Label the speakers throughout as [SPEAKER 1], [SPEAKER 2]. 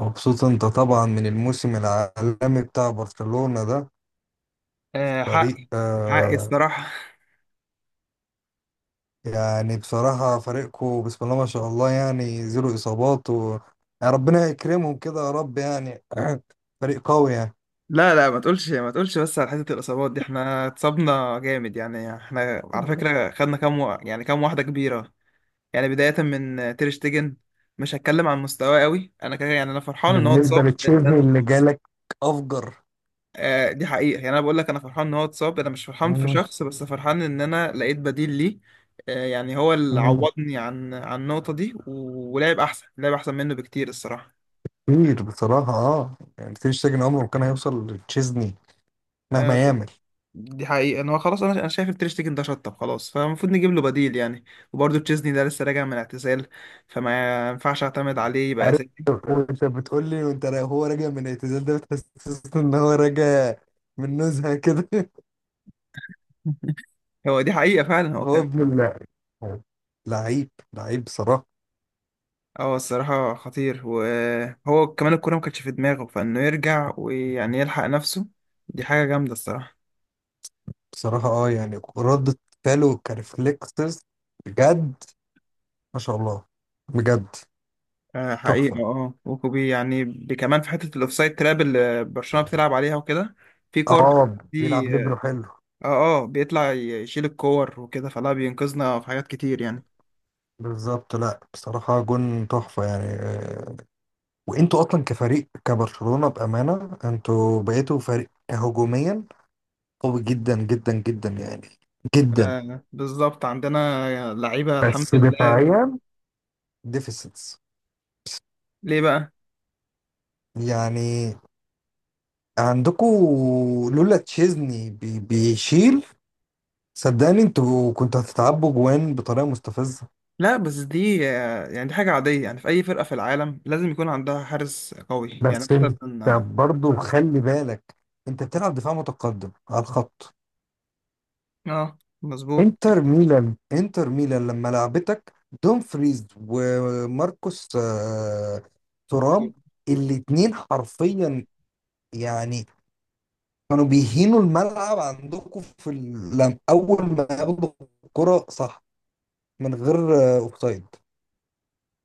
[SPEAKER 1] مبسوط انت طبعا من الموسم العالمي بتاع برشلونة ده.
[SPEAKER 2] آه
[SPEAKER 1] فريق.
[SPEAKER 2] حقي حقي
[SPEAKER 1] آه.
[SPEAKER 2] الصراحة.
[SPEAKER 1] يعني بصراحة فريقكم بسم الله ما شاء الله، يعني زيرو إصابات و... يعني ربنا يكرمهم كده يا رب يعني. فريق قوي يعني.
[SPEAKER 2] لا لا ما تقولش ما تقولش بس على حتة الإصابات دي، احنا اتصابنا جامد يعني. احنا على فكرة خدنا يعني كام واحدة كبيرة. يعني بداية من تير شتيجن، مش هتكلم عن مستواه قوي انا كده. يعني انا فرحان ان هو
[SPEAKER 1] بالنسبة
[SPEAKER 2] اتصاب لان
[SPEAKER 1] لتشيزني
[SPEAKER 2] انا...
[SPEAKER 1] اللي جالك أفجر.
[SPEAKER 2] آه دي حقيقة. يعني انا بقول لك، انا فرحان ان هو اتصاب. انا مش فرحان في
[SPEAKER 1] مم.
[SPEAKER 2] شخص، بس فرحان ان انا لقيت بديل ليه. آه يعني هو اللي
[SPEAKER 1] مم.
[SPEAKER 2] عوضني عن النقطة دي ولعب احسن، لعب احسن منه بكتير الصراحة.
[SPEAKER 1] كتير بصراحة، يعني تير شتيجن عمره ما كان هيوصل لتشيزني
[SPEAKER 2] آه،
[SPEAKER 1] مهما يعمل.
[SPEAKER 2] دي حقيقة ان هو خلاص. انا شايف التير شتيجن ده شطب خلاص، فالمفروض نجيب له بديل يعني. وبرضه تشيزني ده لسه راجع من اعتزال، فما ينفعش اعتمد عليه يبقى
[SPEAKER 1] عارف.
[SPEAKER 2] اساسي.
[SPEAKER 1] وانت بتقول لي، هو راجع من الاعتزال ده بتحسسني ان هو راجع من نزهه كده
[SPEAKER 2] هو دي حقيقة فعلا، هو
[SPEAKER 1] هو
[SPEAKER 2] كان
[SPEAKER 1] ابن الله، لعيب لعيب بصراحه.
[SPEAKER 2] اه الصراحة خطير. وهو كمان الكورة ما كانتش في دماغه، فانه يرجع ويعني يلحق نفسه دي حاجة جامدة الصراحة.
[SPEAKER 1] بصراحه يعني ردة فعله كريفلكسز، بجد. ما شاء الله، بجد.
[SPEAKER 2] آه حقيقة
[SPEAKER 1] تحفه.
[SPEAKER 2] اه. وكوبي يعني كمان في حتة الاوفسايد تراب اللي برشلونة بتلعب عليها وكده. في كور
[SPEAKER 1] اه بيلعب
[SPEAKER 2] دي. اه،
[SPEAKER 1] ليبرو حلو.
[SPEAKER 2] اه بيطلع يشيل الكور وكده، فلا بينقذنا في حاجات كتير يعني.
[SPEAKER 1] بالظبط. لا بصراحه جون تحفه يعني، وانتوا اصلا كفريق كبرشلونه بامانه انتوا بقيتوا فريق هجوميا قوي جدا جدا جدا يعني، جدا.
[SPEAKER 2] آه بالظبط عندنا لعيبة الحمد
[SPEAKER 1] بس
[SPEAKER 2] لله.
[SPEAKER 1] دفاعيا ديفيسيتس
[SPEAKER 2] ليه بقى؟
[SPEAKER 1] يعني، عندكم لولا تشيزني بيشيل صدقني انتوا كنتوا هتتعبوا جوان بطريقه مستفزه.
[SPEAKER 2] لا بس دي آه، يعني دي حاجة عادية يعني. في أي فرقة في العالم لازم يكون عندها حارس قوي يعني،
[SPEAKER 1] بس انت
[SPEAKER 2] مثلا. اه،
[SPEAKER 1] برضو خلي بالك، انت بتلعب دفاع متقدم على الخط.
[SPEAKER 2] آه، مظبوط.
[SPEAKER 1] انتر ميلان، انتر ميلان لما لعبتك دومفريز وماركوس تورام، الاتنين حرفيا يعني كانوا بيهينوا الملعب عندكم في لم اول ما ياخدوا الكرة صح، من غير اوفسايد.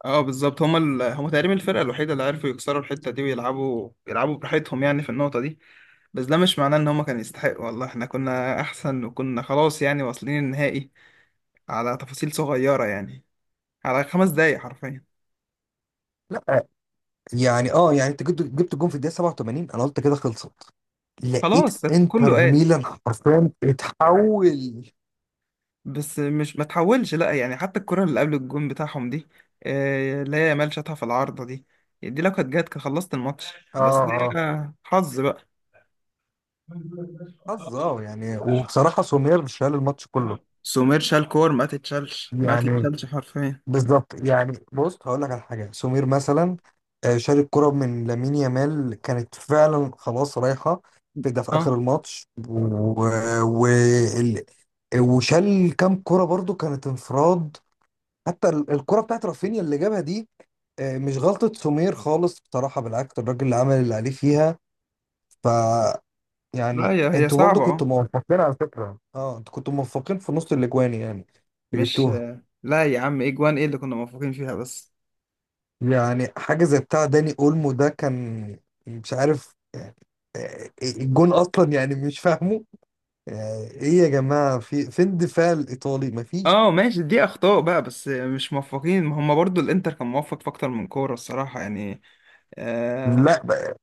[SPEAKER 2] اه بالظبط، هما هما تقريبا الفرقة الوحيدة اللي عرفوا يكسروا الحتة دي، ويلعبوا يلعبوا براحتهم يعني في النقطة دي. بس ده مش معناه ان هما كانوا يستحقوا، والله احنا كنا احسن وكنا خلاص يعني واصلين النهائي على تفاصيل صغيرة يعني، على خمس دقايق حرفيا.
[SPEAKER 1] لا يعني يعني انت جبت جون في الدقيقه 87، انا قلت كده خلصت. لقيت
[SPEAKER 2] خلاص كله
[SPEAKER 1] انتر
[SPEAKER 2] قال.
[SPEAKER 1] ميلان حرفيا اتحول.
[SPEAKER 2] بس مش ما تحولش لا يعني، حتى الكرة اللي قبل الجون بتاعهم دي، آه، اللي هي يامال شاطها في العارضة دي، دي لو كانت جت كان خلصت الماتش. بس
[SPEAKER 1] اه،
[SPEAKER 2] دي
[SPEAKER 1] اه
[SPEAKER 2] آه، حظ بقى.
[SPEAKER 1] حظ، يعني وبصراحه سومير شال الماتش كله
[SPEAKER 2] سومير شال كور ما تتشالش ما
[SPEAKER 1] يعني.
[SPEAKER 2] تتشالش حرفيا.
[SPEAKER 1] بالظبط، يعني بص هقول لك على حاجه. سمير مثلا، شال الكره من لامين يامال، كانت فعلا خلاص رايحه في ده في
[SPEAKER 2] اه.
[SPEAKER 1] اخر الماتش و... ال- وشال كام كره برضو كانت انفراد. حتى الكره بتاعت رافينيا اللي جابها دي، مش غلطه سمير خالص بصراحه. بالعكس الراجل اللي عمل اللي عليه فيها، ف،
[SPEAKER 2] لا
[SPEAKER 1] يعني
[SPEAKER 2] هي هي
[SPEAKER 1] انتوا برضو
[SPEAKER 2] صعبة اه.
[SPEAKER 1] كنتوا موفقين على فكره. اه، انتوا كنتوا موفقين في نص الاجوان، يعني اللي
[SPEAKER 2] مش
[SPEAKER 1] جبتوها.
[SPEAKER 2] آه، لا يا عم، ايه جوان ايه اللي كنا موفقين فيها بس؟
[SPEAKER 1] يعني حاجة زي بتاع داني اولمو ده كان مش عارف يعني، الجون اصلا يعني مش فاهمه. يعني ايه يا جماعة، في فين الدفاع الايطالي؟ مفيش.
[SPEAKER 2] اه ماشي، دي اخطاء بقى. بس آه، مش موفقين. ما هم برضو الانتر كان موفق في اكتر من كورة الصراحة يعني. آه.
[SPEAKER 1] لا بقى،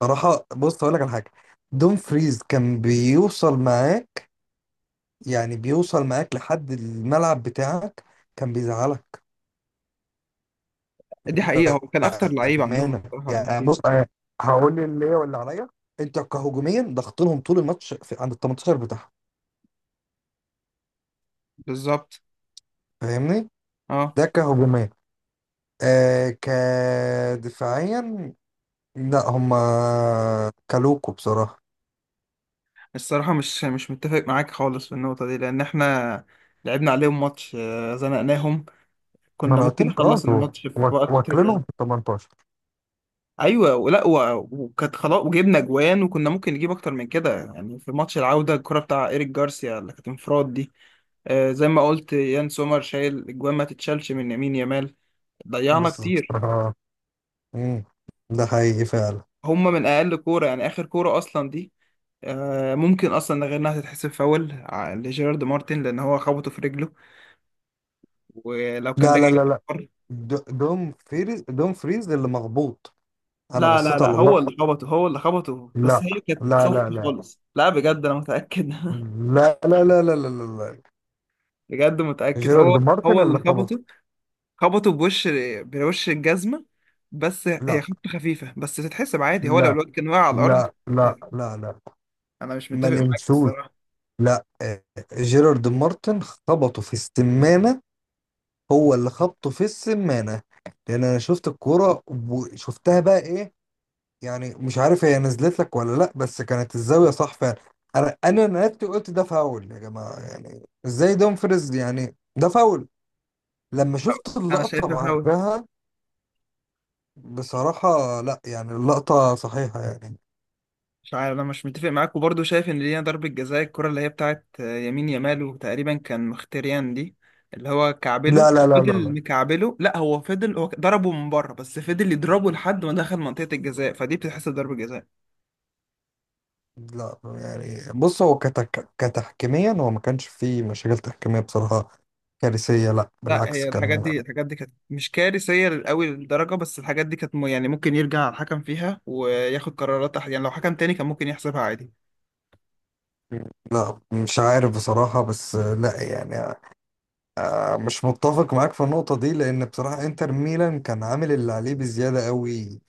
[SPEAKER 1] بصراحة بص هقول لك على حاجة. دوم فريز كان بيوصل معاك، يعني بيوصل معاك لحد الملعب بتاعك، كان بيزعلك.
[SPEAKER 2] دي حقيقة هو كان اكتر لعيب عندهم
[SPEAKER 1] أمانة
[SPEAKER 2] الصراحة.
[SPEAKER 1] يعني، بص أنا هقول لي اللي هي واللي عليا. انت كهجوميا ضغطتهم طول الماتش في عند ال 18 بتاعهم،
[SPEAKER 2] بالظبط
[SPEAKER 1] فاهمني؟
[SPEAKER 2] اه.
[SPEAKER 1] ده كهجوميا. آه كدفاعيا، لا هما كلوكو بصراحة.
[SPEAKER 2] الصراحة مش متفق معاك خالص في النقطة دي لأن احنا لعبنا عليهم ماتش آه، زنقناهم.
[SPEAKER 1] ما
[SPEAKER 2] كنا
[SPEAKER 1] انا قلت
[SPEAKER 2] ممكن
[SPEAKER 1] لك اه
[SPEAKER 2] نخلص
[SPEAKER 1] دول
[SPEAKER 2] الماتش في وقت
[SPEAKER 1] واكلينهم
[SPEAKER 2] آه...
[SPEAKER 1] في ال 18.
[SPEAKER 2] أيوة ولا وكانت خلاص وجبنا جوان، وكنا ممكن نجيب أكتر من كده يعني. في ماتش العودة الكرة بتاع إيريك جارسيا اللي كانت انفراد دي، آه، زي ما قلت يان سومر شايل الجوان ما تتشالش من يمين يامال. ضيعنا
[SPEAKER 1] بالظبط.
[SPEAKER 2] كتير.
[SPEAKER 1] اه. مم. ده حقيقي فعلا.
[SPEAKER 2] هما من أقل كورة يعني، آخر كورة أصلا دي، آه، ممكن اصلا غير انها تتحسب فاول لجيرارد مارتن لان هو خبطه في رجله. ولو كان
[SPEAKER 1] لا
[SPEAKER 2] رجع
[SPEAKER 1] لا لا لا، د- دوم دوم فريز اللي مغبوط. انا
[SPEAKER 2] لا لا
[SPEAKER 1] بصيت
[SPEAKER 2] لا
[SPEAKER 1] على
[SPEAKER 2] هو
[SPEAKER 1] الله.
[SPEAKER 2] اللي خبطه، هو اللي خبطه، بس
[SPEAKER 1] لا.
[SPEAKER 2] هي كانت
[SPEAKER 1] لا
[SPEAKER 2] سوفت
[SPEAKER 1] لا لا.
[SPEAKER 2] خالص. لا بجد انا متاكد.
[SPEAKER 1] لا لا لا لا لا لا. لا.
[SPEAKER 2] بجد متاكد. هو
[SPEAKER 1] جيرارد مارتن
[SPEAKER 2] هو اللي
[SPEAKER 1] اللي خبطه.
[SPEAKER 2] خبطه، خبطه بوش، بوش الجزمه. بس هي
[SPEAKER 1] لا
[SPEAKER 2] خبطه خفيفه بس تتحسب عادي، هو لو
[SPEAKER 1] لا
[SPEAKER 2] الواد كان واقع على الارض.
[SPEAKER 1] لا لا لا لا.
[SPEAKER 2] انا مش
[SPEAKER 1] ما
[SPEAKER 2] متفق معاك
[SPEAKER 1] لمسوش.
[SPEAKER 2] الصراحه.
[SPEAKER 1] لا، جيرارد مارتن خبطه في السمانة. هو اللي خبطه في السمانة، لأن أنا شفت الكورة. وشفتها بقى إيه، يعني مش عارف هي نزلت لك ولا لأ، بس كانت الزاوية صح فعلا. أنا نادت، قلت ده فاول يا جماعة، يعني إزاي دومفريز يعني ده فاول، لما
[SPEAKER 2] انا
[SPEAKER 1] شفت
[SPEAKER 2] أنا
[SPEAKER 1] اللقطة
[SPEAKER 2] شايفها فاول.
[SPEAKER 1] بعدها. بصراحة لأ، يعني اللقطة صحيحة يعني.
[SPEAKER 2] مش عارف، انا مش متفق معاك وبرضه شايف ان لينا ضربة جزاء، الكرة اللي هي بتاعت آه، يمين يامال وتقريبا كان مختريان دي، اللي هو كعبله
[SPEAKER 1] لا لا لا لا
[SPEAKER 2] فضل
[SPEAKER 1] لا
[SPEAKER 2] مكعبله. لا هو فضل، هو ضربه من بره بس فضل يضربه لحد ما دخل منطقة الجزاء، فدي بتتحسب ضربة جزاء.
[SPEAKER 1] لا، يعني بص هو كتحكيميا، هو ما كانش فيه مشاكل تحكيمية بصراحة كارثية. لا
[SPEAKER 2] لا
[SPEAKER 1] بالعكس
[SPEAKER 2] هي الحاجات
[SPEAKER 1] كان.
[SPEAKER 2] دي، الحاجات دي كانت مش كارثية قوي للدرجة، بس الحاجات دي كانت يعني ممكن يرجع الحكم فيها وياخد قرارات يعني لو حكم تاني كان ممكن يحسبها عادي.
[SPEAKER 1] لا مش عارف بصراحة، بس لا يعني، مش متفق معاك في النقطة دي، لأن بصراحة انتر ميلان كان عامل اللي عليه بزيادة قوي.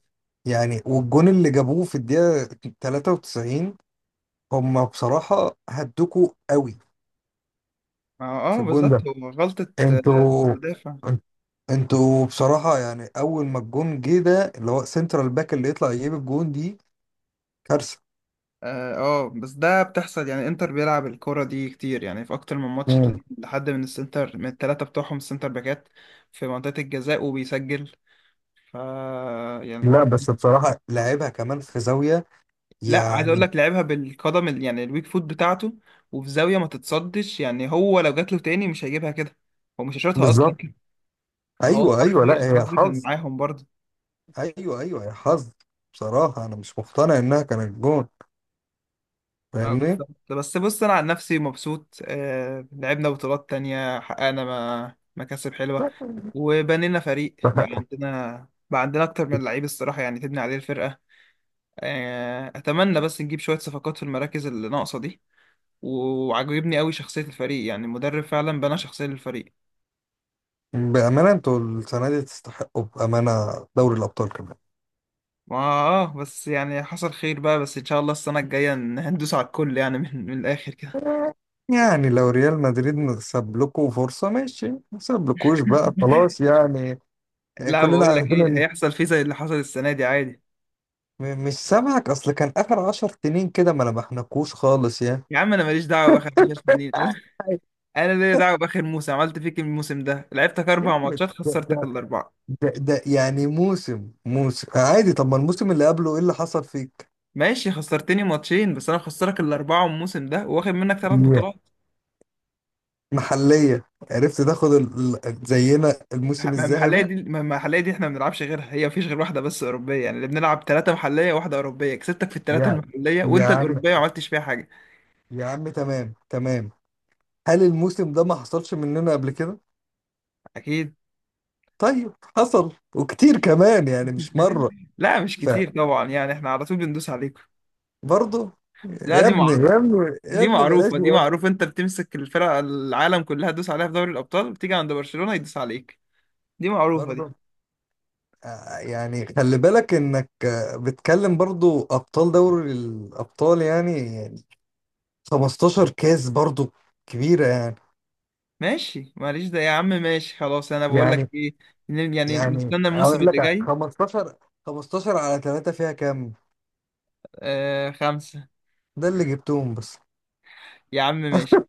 [SPEAKER 1] يعني والجون اللي جابوه في الدقيقة 93 هم بصراحة هدوكوا قوي
[SPEAKER 2] اه
[SPEAKER 1] في
[SPEAKER 2] آه،
[SPEAKER 1] الجون
[SPEAKER 2] بالظبط
[SPEAKER 1] ده.
[SPEAKER 2] هو غلطة آه،
[SPEAKER 1] انتوا
[SPEAKER 2] المدافع.
[SPEAKER 1] انتوا بصراحة يعني، أول ما الجون جه ده اللي هو سنترال باك اللي يطلع يجيب الجون دي كارثة.
[SPEAKER 2] اه آه، بس ده بتحصل يعني. انتر بيلعب الكرة دي كتير يعني، في اكتر من ماتش
[SPEAKER 1] مم.
[SPEAKER 2] تلاقي حد من السنتر من الثلاثة بتوعهم السنتر باكات في منطقة الجزاء وبيسجل. ف يعني الحوار
[SPEAKER 1] لا بس بصراحة لعبها كمان في زاوية
[SPEAKER 2] لا عايز اقول
[SPEAKER 1] يعني.
[SPEAKER 2] لك لعبها بالقدم يعني الويك فوت بتاعته. وفي زاوية ما تتصدش يعني، هو لو جات له تاني مش هيجيبها كده، هو مش هيشوطها اصلا.
[SPEAKER 1] بالظبط.
[SPEAKER 2] فهو
[SPEAKER 1] ايوه
[SPEAKER 2] الحظ،
[SPEAKER 1] ايوه، لا هي
[SPEAKER 2] الحظ كان
[SPEAKER 1] حظ.
[SPEAKER 2] معاهم برضه.
[SPEAKER 1] ايوه ايوه، هي حظ. بصراحه انا مش مقتنع انها كانت جون،
[SPEAKER 2] اه
[SPEAKER 1] فاهمني؟
[SPEAKER 2] بالظبط. بس بص انا عن نفسي مبسوط. آه لعبنا بطولات تانية، حققنا مكاسب حلوة.
[SPEAKER 1] لا.
[SPEAKER 2] وبنينا فريق، بقى عندنا بقى عندنا اكتر من لعيب الصراحة يعني تبني عليه الفرقة. آه اتمنى بس نجيب شوية صفقات في المراكز اللي ناقصة دي. وعجبني قوي شخصية الفريق، يعني المدرب فعلا بنى شخصية للفريق.
[SPEAKER 1] بامانه انتوا السنه دي تستحقوا، بامانه، دوري الابطال كمان.
[SPEAKER 2] ما اه بس يعني حصل خير بقى. بس ان شاء الله السنة الجاية ندوس على الكل، يعني من الاخر كده.
[SPEAKER 1] يعني لو ريال مدريد ساب لكم فرصه ماشي، ما سابلكوش بقى، خلاص يعني. يعني
[SPEAKER 2] لا
[SPEAKER 1] كلنا
[SPEAKER 2] بقول لك
[SPEAKER 1] عارفين
[SPEAKER 2] ايه،
[SPEAKER 1] ان،
[SPEAKER 2] هيحصل فيه زي اللي حصل السنة دي عادي.
[SPEAKER 1] مش سامعك اصل، كان اخر 10 سنين كده ما نبحناكوش خالص يعني.
[SPEAKER 2] يا عم، انا ماليش دعوه باخر 10 سنين.
[SPEAKER 1] آه،
[SPEAKER 2] انا ليا دعوه باخر موسم. عملت فيك إيه الموسم ده؟ لعبتك
[SPEAKER 1] يا
[SPEAKER 2] اربع
[SPEAKER 1] عم،
[SPEAKER 2] ماتشات خسرتك
[SPEAKER 1] ده
[SPEAKER 2] الاربعه.
[SPEAKER 1] ده يعني موسم، موسم عادي. طب ما الموسم اللي قبله ايه اللي حصل فيك؟
[SPEAKER 2] ماشي، خسرتني ماتشين بس انا مخسرك الاربعه الموسم ده، واخد منك ثلاث
[SPEAKER 1] Yeah.
[SPEAKER 2] بطولات.
[SPEAKER 1] محلية عرفت تاخد زينا الموسم
[SPEAKER 2] المحليه
[SPEAKER 1] الذهبي؟
[SPEAKER 2] دي، المحليه دي احنا ما بنلعبش غيرها، هي مفيش غير واحده بس اوروبيه يعني. اللي بنلعب ثلاثه محليه وواحده اوروبيه، كسبتك في الثلاثه
[SPEAKER 1] يا
[SPEAKER 2] المحليه
[SPEAKER 1] يا
[SPEAKER 2] وانت
[SPEAKER 1] عم،
[SPEAKER 2] الاوروبيه ما عملتش فيها حاجه.
[SPEAKER 1] يا عم تمام تمام. هل الموسم ده ما حصلش مننا قبل كده؟
[SPEAKER 2] اكيد.
[SPEAKER 1] طيب حصل وكتير كمان، يعني مش مرة.
[SPEAKER 2] لا مش كتير طبعا، يعني احنا على طول بندوس عليكم.
[SPEAKER 1] فبرضه،
[SPEAKER 2] لا
[SPEAKER 1] يا
[SPEAKER 2] دي
[SPEAKER 1] ابني
[SPEAKER 2] معروف،
[SPEAKER 1] يا ابني يا
[SPEAKER 2] دي
[SPEAKER 1] ابني بلاش
[SPEAKER 2] معروفة، دي
[SPEAKER 1] يا ابني.
[SPEAKER 2] معروفة. انت بتمسك الفرق العالم كلها تدوس عليها في دوري الأبطال، بتيجي عند برشلونة يدوس عليك. دي معروفة دي.
[SPEAKER 1] برضه يعني خلي بالك انك بتكلم برضه ابطال دوري الابطال، يعني 15 كاس برضو كبيرة
[SPEAKER 2] ماشي معلش ده يا عم، ماشي خلاص انا بقول لك
[SPEAKER 1] يعني
[SPEAKER 2] ايه، يعني
[SPEAKER 1] يعني
[SPEAKER 2] نستنى الموسم
[SPEAKER 1] اقول
[SPEAKER 2] اللي
[SPEAKER 1] لك
[SPEAKER 2] جاي.
[SPEAKER 1] 15، 15 على 3 فيها كام؟
[SPEAKER 2] آه خمسة.
[SPEAKER 1] ده اللي جبتهم بس.
[SPEAKER 2] يا عم ماشي.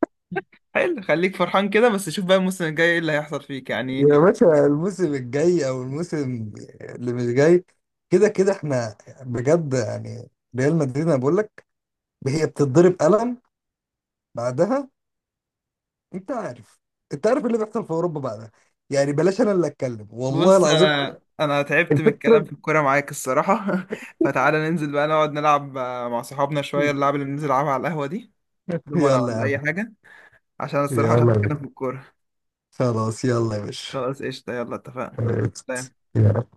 [SPEAKER 2] حلو خليك فرحان كده، بس شوف بقى الموسم الجاي ايه اللي هيحصل فيك يعني.
[SPEAKER 1] يا باشا، الموسم الجاي او الموسم اللي مش جاي، كده كده احنا بجد يعني. ريال مدريد انا بقول لك هي بتتضرب قلم بعدها. انت عارف، انت عارف اللي بيحصل في اوروبا بعدها، يعني بلاش انا اللي اتكلم، والله
[SPEAKER 2] بص
[SPEAKER 1] العظيم.
[SPEAKER 2] انا تعبت من الكلام
[SPEAKER 1] الفكرة.
[SPEAKER 2] في الكورة معاك الصراحة. فتعالى ننزل بقى نقعد نلعب آه، مع صحابنا شوية اللعب اللي بننزل نلعبها على القهوة دي. دومنا
[SPEAKER 1] يلا يا
[SPEAKER 2] ولا اي
[SPEAKER 1] عم،
[SPEAKER 2] حاجة، عشان
[SPEAKER 1] يلا
[SPEAKER 2] الصراحة
[SPEAKER 1] يا
[SPEAKER 2] مش عارف اتكلم
[SPEAKER 1] باشا،
[SPEAKER 2] في الكورة.
[SPEAKER 1] خلاص يلا يا باشا.
[SPEAKER 2] خلاص قشطة، يلا اتفقنا.
[SPEAKER 1] عرفت
[SPEAKER 2] سلام.
[SPEAKER 1] يا رب.